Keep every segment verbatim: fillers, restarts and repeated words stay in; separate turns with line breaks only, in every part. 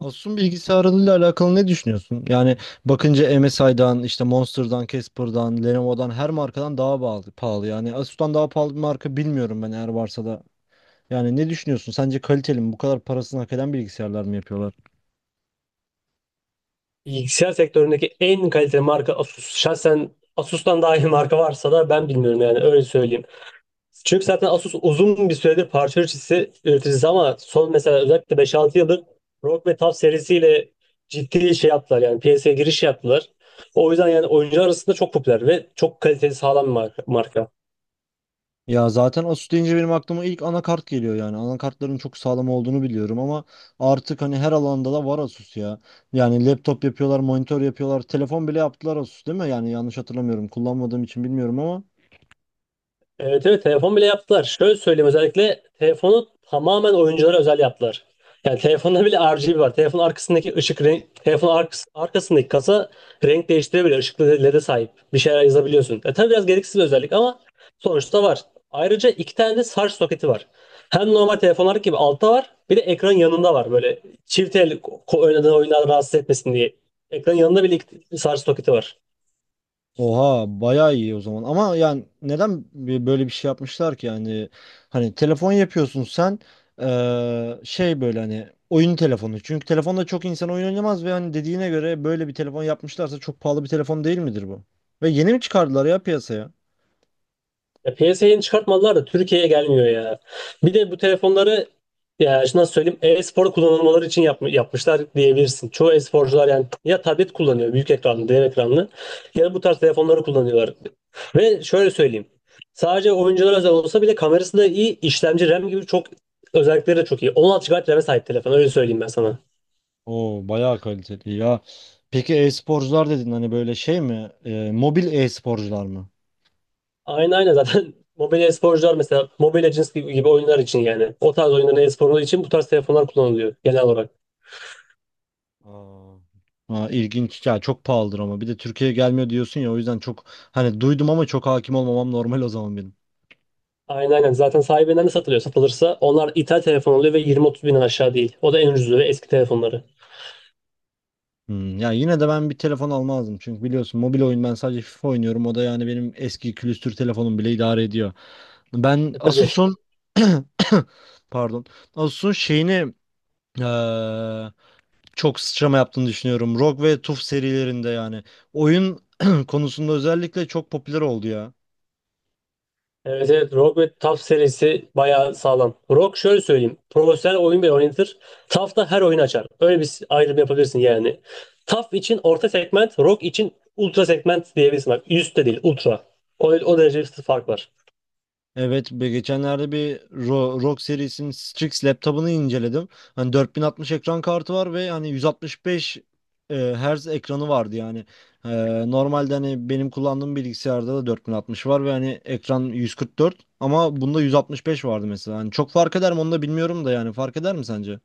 Asus'un bilgisayarlarıyla alakalı ne düşünüyorsun? Yani bakınca M S I'dan, işte Monster'dan, Casper'dan, Lenovo'dan her markadan daha pahalı, pahalı. Yani Asus'tan daha pahalı bir marka bilmiyorum ben, eğer varsa da. Yani ne düşünüyorsun? Sence kaliteli mi? Bu kadar parasını hak eden bilgisayarlar mı yapıyorlar?
Bilgisayar sektöründeki en kaliteli marka Asus. Şahsen Asus'tan daha iyi marka varsa da ben bilmiyorum, yani öyle söyleyeyim. Çünkü zaten Asus uzun bir süredir parça üreticisi, üreticisi, ama son, mesela özellikle beş altı yıldır ROG ve TUF serisiyle ciddi şey yaptılar, yani piyasaya giriş yaptılar. O yüzden yani oyuncular arasında çok popüler ve çok kaliteli, sağlam bir marka. marka.
Ya zaten Asus deyince benim aklıma ilk anakart geliyor yani. Anakartların çok sağlam olduğunu biliyorum ama artık hani her alanda da var Asus ya. Yani laptop yapıyorlar, monitör yapıyorlar, telefon bile yaptılar Asus, değil mi? Yani yanlış hatırlamıyorum. Kullanmadığım için bilmiyorum ama.
Evet, evet, telefon bile yaptılar. Şöyle söyleyeyim, özellikle telefonu tamamen oyunculara özel yaptılar. Yani telefonda bile R G B var. Telefonun arkasındaki ışık renk, telefonun arkas- arkasındaki kasa renk değiştirebiliyor. Işıklı L E de sahip. Bir şeyler yazabiliyorsun. E, tabii biraz gereksiz bir özellik ama sonuçta var. Ayrıca iki tane de şarj soketi var. Hem normal telefonlar gibi altta var. Bir de ekran yanında var. Böyle çift el ko- ko- oynadığın oyunlar rahatsız etmesin diye. Ekran yanında bile iki şarj soketi var.
Oha, bayağı iyi o zaman ama yani neden bi- böyle bir şey yapmışlar ki yani? Hani telefon yapıyorsun sen, eee, şey, böyle hani oyun telefonu. Çünkü telefonda çok insan oyun oynamaz ve hani dediğine göre böyle bir telefon yapmışlarsa çok pahalı bir telefon değil midir bu? Ve yeni mi çıkardılar ya piyasaya?
Ya piyasaya yeni çıkartmadılar da Türkiye'ye gelmiyor ya. Bir de bu telefonları, ya şimdi nasıl söyleyeyim, e-spor kullanılmaları için yapm- yapmışlar diyebilirsin. Çoğu e-sporcular yani ya tablet kullanıyor, büyük ekranlı, dev ekranlı, ya da bu tarz telefonları kullanıyorlar. Ve şöyle söyleyeyim, sadece oyunculara özel olsa bile kamerası da iyi, işlemci, RAM gibi çok özellikleri de çok iyi. on altı gigabayt RAM'e sahip telefon, öyle söyleyeyim ben sana.
Oo, bayağı kaliteli ya. Peki e-sporcular dedin, hani böyle şey mi? Eee, mobil e-sporcular mı?
Aynen, aynen, zaten mobil e-sporcular, mesela Mobile Legends gibi, gibi oyunlar için, yani o tarz oyunların e-sporu için bu tarz telefonlar kullanılıyor genel olarak.
Aa, Aa, ilginç ya. Çok pahalıdır ama bir de Türkiye'ye gelmiyor diyorsun ya, o yüzden çok hani duydum ama çok hakim olmamam normal o zaman benim.
Aynen, aynen. Zaten sahibinden de satılıyor. Satılırsa onlar ithal telefon oluyor ve yirmi otuz binden aşağı değil. O da en ucuzu ve eski telefonları.
Hmm, ya yine de ben bir telefon almazdım çünkü biliyorsun mobil oyun, ben sadece FIFA oynuyorum, o da yani benim eski külüstür telefonum bile idare ediyor. Ben
E, tabii.
Asus'un pardon, Asus'un şeyini eee, çok sıçrama yaptığını düşünüyorum. rog ve taf serilerinde yani oyun konusunda özellikle çok popüler oldu ya.
Evet, evet. ROG ve TAF serisi bayağı sağlam. ROG, şöyle söyleyeyim, profesyonel oyun bile oynatır. TAF da her oyun açar. Öyle bir ayrım yapabilirsin yani. TAF için orta segment, ROG için ultra segment diyebilirsin. Bak, üst değil, ultra. O, o derece bir fark var.
Evet, be- geçenlerde bir Ro- rog serisinin Strix laptopunu inceledim. Hani dört bin altmış ekran kartı var ve hani yüz altmış beş e, Hz ekranı vardı yani. E, Normalde hani benim kullandığım bilgisayarda da dört bin altmış var ve hani ekran yüz kırk dört ama bunda yüz altmış beş vardı mesela. Hani çok fark eder mi, onu da bilmiyorum da, yani fark eder mi sence?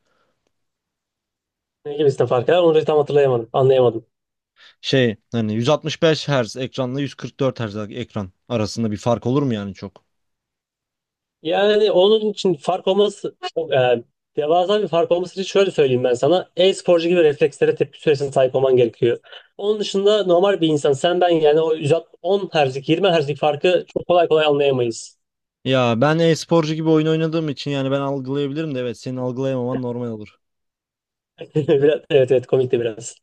Ne gibisinden fark var? Onu tam hatırlayamadım, anlayamadım.
Şey, hani yüz altmış beş Hz ekranla yüz kırk dört Hz ekran arasında bir fark olur mu yani çok?
Yani onun için fark olması çok, e, devasa bir fark olması için şöyle söyleyeyim ben sana. E-sporcu gibi reflekslere, tepki süresine sahip olman gerekiyor. Onun dışında normal bir insan, sen ben yani, o yüz on Hz'lik yirmi Hz'lik farkı çok kolay kolay anlayamayız.
Ya ben e-sporcu gibi oyun oynadığım için yani ben algılayabilirim de, evet, senin algılayamaman normal olur.
Biraz- Evet, evet, komikti biraz.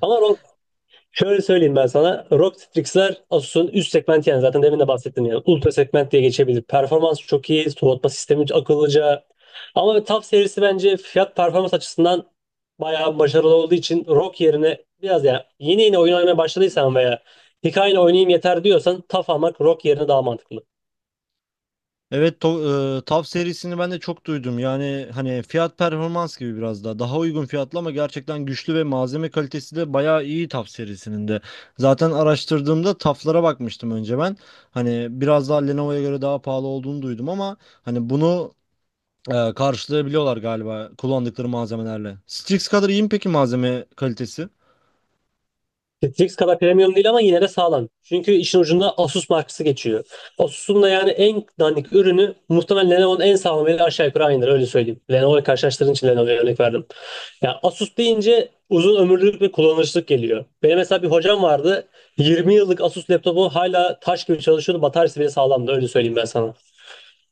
Ama şöyle söyleyeyim ben sana, ROG Strix'ler Asus'un üst segmenti, yani zaten demin de bahsettim yani. Ultra segment diye geçebilir. Performans çok iyi. Soğutma sistemi akıllıca. Ama TUF serisi bence fiyat performans açısından bayağı başarılı olduğu için ROG yerine, biraz yani, yeni yeni oyun oynamaya başladıysan veya hikayeni oynayayım yeter diyorsan TUF almak ROG yerine daha mantıklı.
Evet, to- e, T A V serisini ben de çok duydum. Yani hani fiyat performans gibi biraz daha. Daha uygun fiyatlı ama gerçekten güçlü ve malzeme kalitesi de bayağı iyi T A V serisinin de. Zaten araştırdığımda T A V'lara bakmıştım önce ben. Hani biraz daha Lenovo'ya göre daha pahalı olduğunu duydum ama hani bunu e, karşılayabiliyorlar galiba, kullandıkları malzemelerle. Strix kadar iyi mi peki malzeme kalitesi?
Netflix kadar premium değil ama yine de sağlam. Çünkü işin ucunda Asus markası geçiyor. Asus'un da yani en dandik ürünü muhtemelen Lenovo'nun en sağlamıyla aşağı yukarı aynıdır, öyle söyleyeyim. Lenovo'yu karşılaştırdığın için Lenovo'ya örnek verdim. Ya, Asus deyince uzun ömürlülük ve kullanışlık geliyor. Benim mesela bir hocam vardı. yirmi yıllık Asus laptopu hala taş gibi çalışıyordu. Bataryası bile sağlamdı. Öyle söyleyeyim ben sana.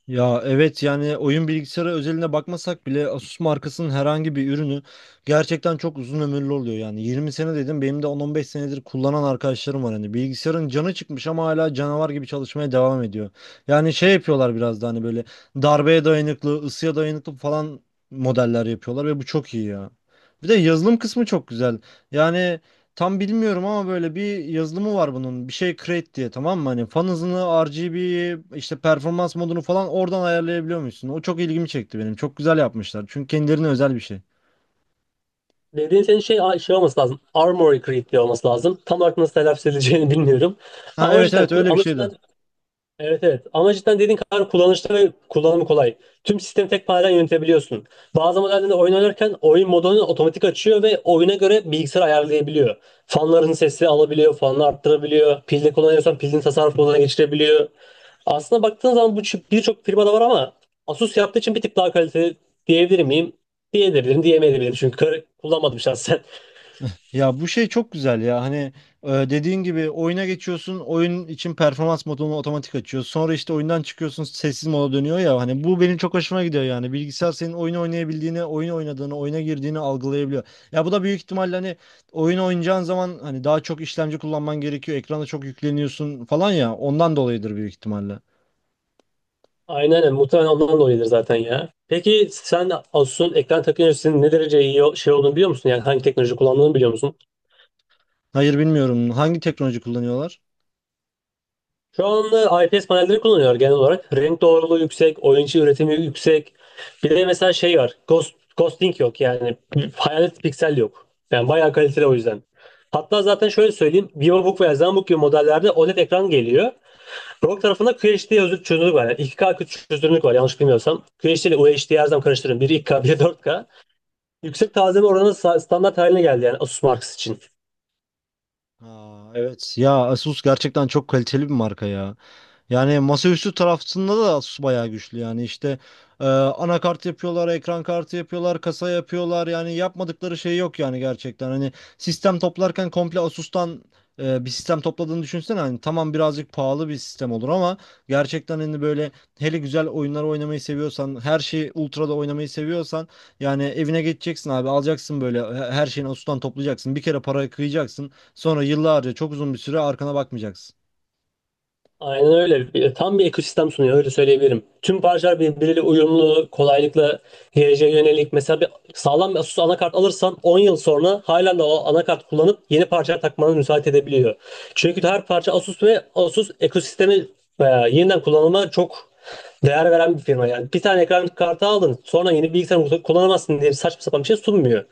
Ya evet, yani oyun bilgisayarı özeline bakmasak bile Asus markasının herhangi bir ürünü gerçekten çok uzun ömürlü oluyor. Yani yirmi sene dedim, benim de on, on beş senedir kullanan arkadaşlarım var, hani bilgisayarın canı çıkmış ama hala canavar gibi çalışmaya devam ediyor. Yani şey yapıyorlar biraz da hani böyle darbeye dayanıklı, ısıya dayanıklı falan modeller yapıyorlar ve bu çok iyi ya. Bir de yazılım kısmı çok güzel yani. Tam bilmiyorum ama böyle bir yazılımı var bunun. Bir şey create diye, tamam mı? Hani fan hızını, R G B'yi, işte performans modunu falan oradan ayarlayabiliyor musun? O çok ilgimi çekti benim. Çok güzel yapmışlar. Çünkü kendilerine özel bir şey.
Dediğin senin şey, şey olması lazım. Armory Crate diye olması lazım. Tam olarak nasıl telaffuz edileceğini bilmiyorum.
Ha,
Ama
evet,
cidden
evet,
kul-
öyle bir
ama
şeydi.
Evet, evet, ama cidden dediğin kadar kullanışlı ve kullanımı kolay. Tüm sistemi tek panelden yönetebiliyorsun. Bazı modellerde oyun oynarken oyun modunu otomatik açıyor ve oyuna göre bilgisayar ayarlayabiliyor. Fanların sesini alabiliyor, fanını arttırabiliyor. Pilde kullanıyorsan pilin tasarruf moduna geçirebiliyor. Aslında baktığın zaman bu, çi- birçok firmada var, ama Asus yaptığı için bir tık daha kaliteli diyebilir miyim? Diyebilirim, diyemeyebilirim, çünkü kar- kullanmadım şahsen.
Ya bu şey çok güzel ya. Hani e, dediğin gibi oyuna geçiyorsun, oyun için performans modunu otomatik açıyor, sonra işte oyundan çıkıyorsun sessiz moda dönüyor ya. Hani bu benim çok hoşuma gidiyor, yani bilgisayar senin oyunu oynayabildiğini, oyun oynadığını, oyuna girdiğini algılayabiliyor. Ya bu da büyük ihtimalle hani oyun oynayacağın zaman hani daha çok işlemci kullanman gerekiyor, ekrana çok yükleniyorsun falan, ya ondan dolayıdır büyük ihtimalle.
Aynen öyle. Muhtemelen ondan dolayıdır zaten ya. Peki sen Asus'un ekran teknolojisinin ne derece iyi şey olduğunu biliyor musun? Yani hangi teknoloji kullandığını biliyor musun?
Hayır, bilmiyorum, hangi teknoloji kullanıyorlar?
Şu anda I P S panelleri kullanıyor genel olarak. Renk doğruluğu yüksek, oyuncu üretimi yüksek. Bir de mesela şey var, Ghost, ghosting yok yani. Hayalet piksel yok. Yani bayağı kaliteli o yüzden. Hatta zaten şöyle söyleyeyim, Vivobook veya Zenbook gibi modellerde OLED ekran geliyor. ROG tarafında Q H D özür- çözünürlük var. Yani iki K çözünürlük var yanlış bilmiyorsam. Q H D ile U H D'yi her zaman karıştırıyorum. Biri iki K, biri dört K. Yüksek tazeme oranı sa- standart haline geldi yani Asus Marks için.
Aa, evet ya, Asus gerçekten çok kaliteli bir marka ya. Yani masaüstü tarafında da Asus bayağı güçlü yani. İşte e, anakart yapıyorlar, ekran kartı yapıyorlar, kasa yapıyorlar, yani yapmadıkları şey yok yani, gerçekten. Hani sistem toplarken komple Asus'tan e, bir sistem topladığını düşünsene. Hani tamam, birazcık pahalı bir sistem olur ama gerçekten hani böyle, hele güzel oyunlar oynamayı seviyorsan, her şeyi ultra'da oynamayı seviyorsan, yani evine geçeceksin abi, alacaksın böyle he- her şeyini Asus'tan toplayacaksın. Bir kere para kıyacaksın. Sonra yıllarca, çok uzun bir süre arkana bakmayacaksın.
Aynen öyle. Bir- Tam bir ekosistem sunuyor, öyle söyleyebilirim. Tüm parçalar birbiriyle uyumlu, kolaylıkla geleceğe yönelik. Mesela bir sağlam bir Asus anakart alırsan on yıl sonra halen de o anakart kullanıp yeni parçalar takmana müsaade edebiliyor. Çünkü her parça Asus, ve Asus ekosistemi e, yeniden kullanıma çok değer veren bir firma yani. Bir tane ekran kartı aldın sonra yeni bilgisayar kullanamazsın diye saçma sapan bir şey sunmuyor.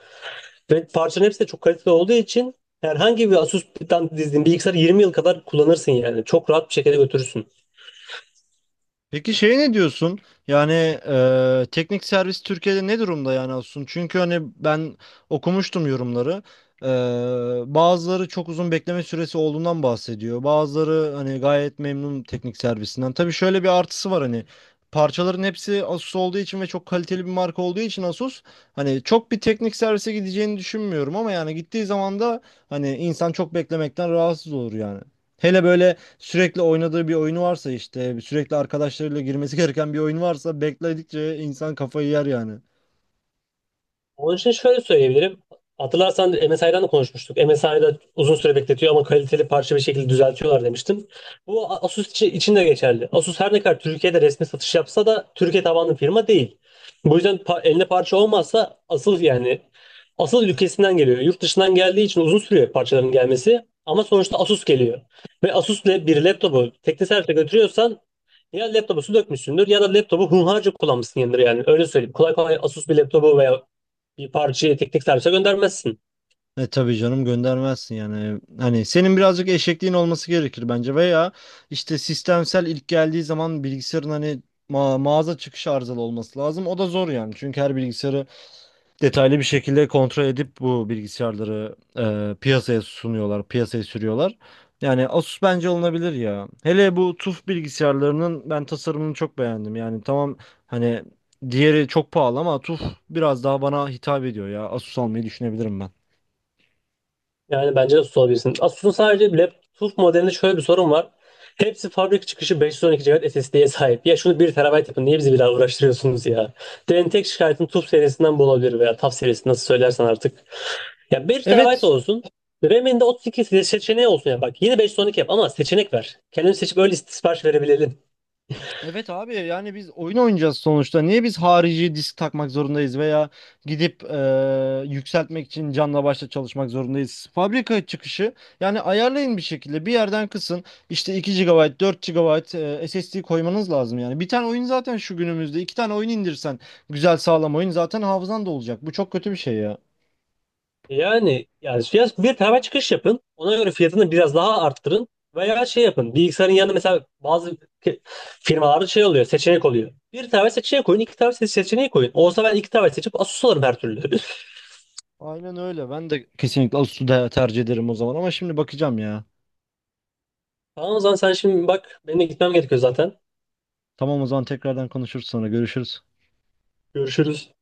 Ve parçaların hepsi de çok kaliteli olduğu için herhangi bir Asus'tan dizdiğin bilgisayarı yirmi yıl kadar kullanırsın yani. Çok rahat bir şekilde götürürsün.
Peki şey, ne diyorsun? Yani e, teknik servis Türkiye'de ne durumda yani Asun? Çünkü hani ben okumuştum yorumları. E, Bazıları çok uzun bekleme süresi olduğundan bahsediyor. Bazıları hani gayet memnun teknik servisinden. Tabii şöyle bir artısı var, hani parçaların hepsi Asus olduğu için ve çok kaliteli bir marka olduğu için Asus, hani çok bir teknik servise gideceğini düşünmüyorum ama yani gittiği zaman da hani insan çok beklemekten rahatsız olur yani. Hele böyle sürekli oynadığı bir oyunu varsa, işte sürekli arkadaşlarıyla girmesi gereken bir oyun varsa, bekledikçe insan kafayı yer yani.
Onun için şöyle söyleyebilirim. Hatırlarsan M S I'dan da konuşmuştuk. M S I'da uzun süre bekletiyor ama kaliteli parça bir şekilde düzeltiyorlar demiştim. Bu Asus içi- için de geçerli. Asus her ne kadar Türkiye'de resmi satış yapsa da Türkiye tabanlı firma değil. Bu yüzden pa- eline parça olmazsa asıl yani asıl ülkesinden geliyor. Yurt dışından geldiği için uzun sürüyor parçaların gelmesi. Ama sonuçta Asus geliyor. Ve Asus ile bir laptopu teknik servise götürüyorsan ya laptopu su dökmüşsündür ya da laptopu hunharca kullanmışsın yanındır yani. Öyle söyleyeyim. Kolay kolay Asus bir laptopu veya bir parçayı tek tek servise göndermezsin.
E tabii canım, göndermezsin yani. Hani senin birazcık eşekliğin olması gerekir bence, veya işte sistemsel, ilk geldiği zaman bilgisayarın hani ma- mağaza çıkışı arızalı olması lazım. O da zor yani. Çünkü her bilgisayarı detaylı bir şekilde kontrol edip bu bilgisayarları e, piyasaya sunuyorlar, piyasaya sürüyorlar. Yani Asus bence alınabilir ya. Hele bu T U F bilgisayarlarının ben tasarımını çok beğendim. Yani tamam, hani diğeri çok pahalı ama taf biraz daha bana hitap ediyor ya. Asus almayı düşünebilirim ben.
Yani bence de tutabilirsin. Asus'un sadece laptop modelinde şöyle bir sorun var. Hepsi fabrika çıkışı beş yüz on iki gigabayt S S D'ye sahip. Ya şunu bir T B yapın. Niye bizi bir daha uğraştırıyorsunuz ya? Benim tek şikayetim TUF serisinden bu olabilir veya TAF serisi nasıl söylersen artık. Ya bir T B
Evet,
olsun. RAM'inde otuz iki se- seçeneği olsun ya. Bak, yine beş yüz on iki yap ama seçenek ver. Kendini seçip öyle sipariş verebilelim.
evet abi, yani biz oyun oynayacağız sonuçta. Niye biz harici disk takmak zorundayız veya gidip eee, yükseltmek için canla başla çalışmak zorundayız? Fabrika çıkışı yani, ayarlayın bir şekilde, bir yerden kısın, işte iki gigabayt, dört gigabayt eee, S S D koymanız lazım yani. Bir tane oyun zaten, şu günümüzde iki tane oyun indirsen güzel sağlam oyun, zaten hafızan da olacak. Bu çok kötü bir şey ya.
Yani yani fiyat, bir tane çıkış yapın. Ona göre fiyatını biraz daha arttırın. Veya şey yapın. Bilgisayarın yanında mesela bazı ke- firmalarda şey oluyor. Seçenek oluyor. Bir tane seçeneği koyun, iki tane se- seçeneği koyun. Olsa ben iki tane seçip Asus alırım her türlü.
Aynen öyle, ben de kesinlikle Asus'u da tercih ederim o zaman ama şimdi bakacağım ya.
Tamam, o zaman sen şimdi bak. Benim de gitmem gerekiyor zaten.
Tamam o zaman, tekrardan konuşuruz, sonra görüşürüz.
Görüşürüz.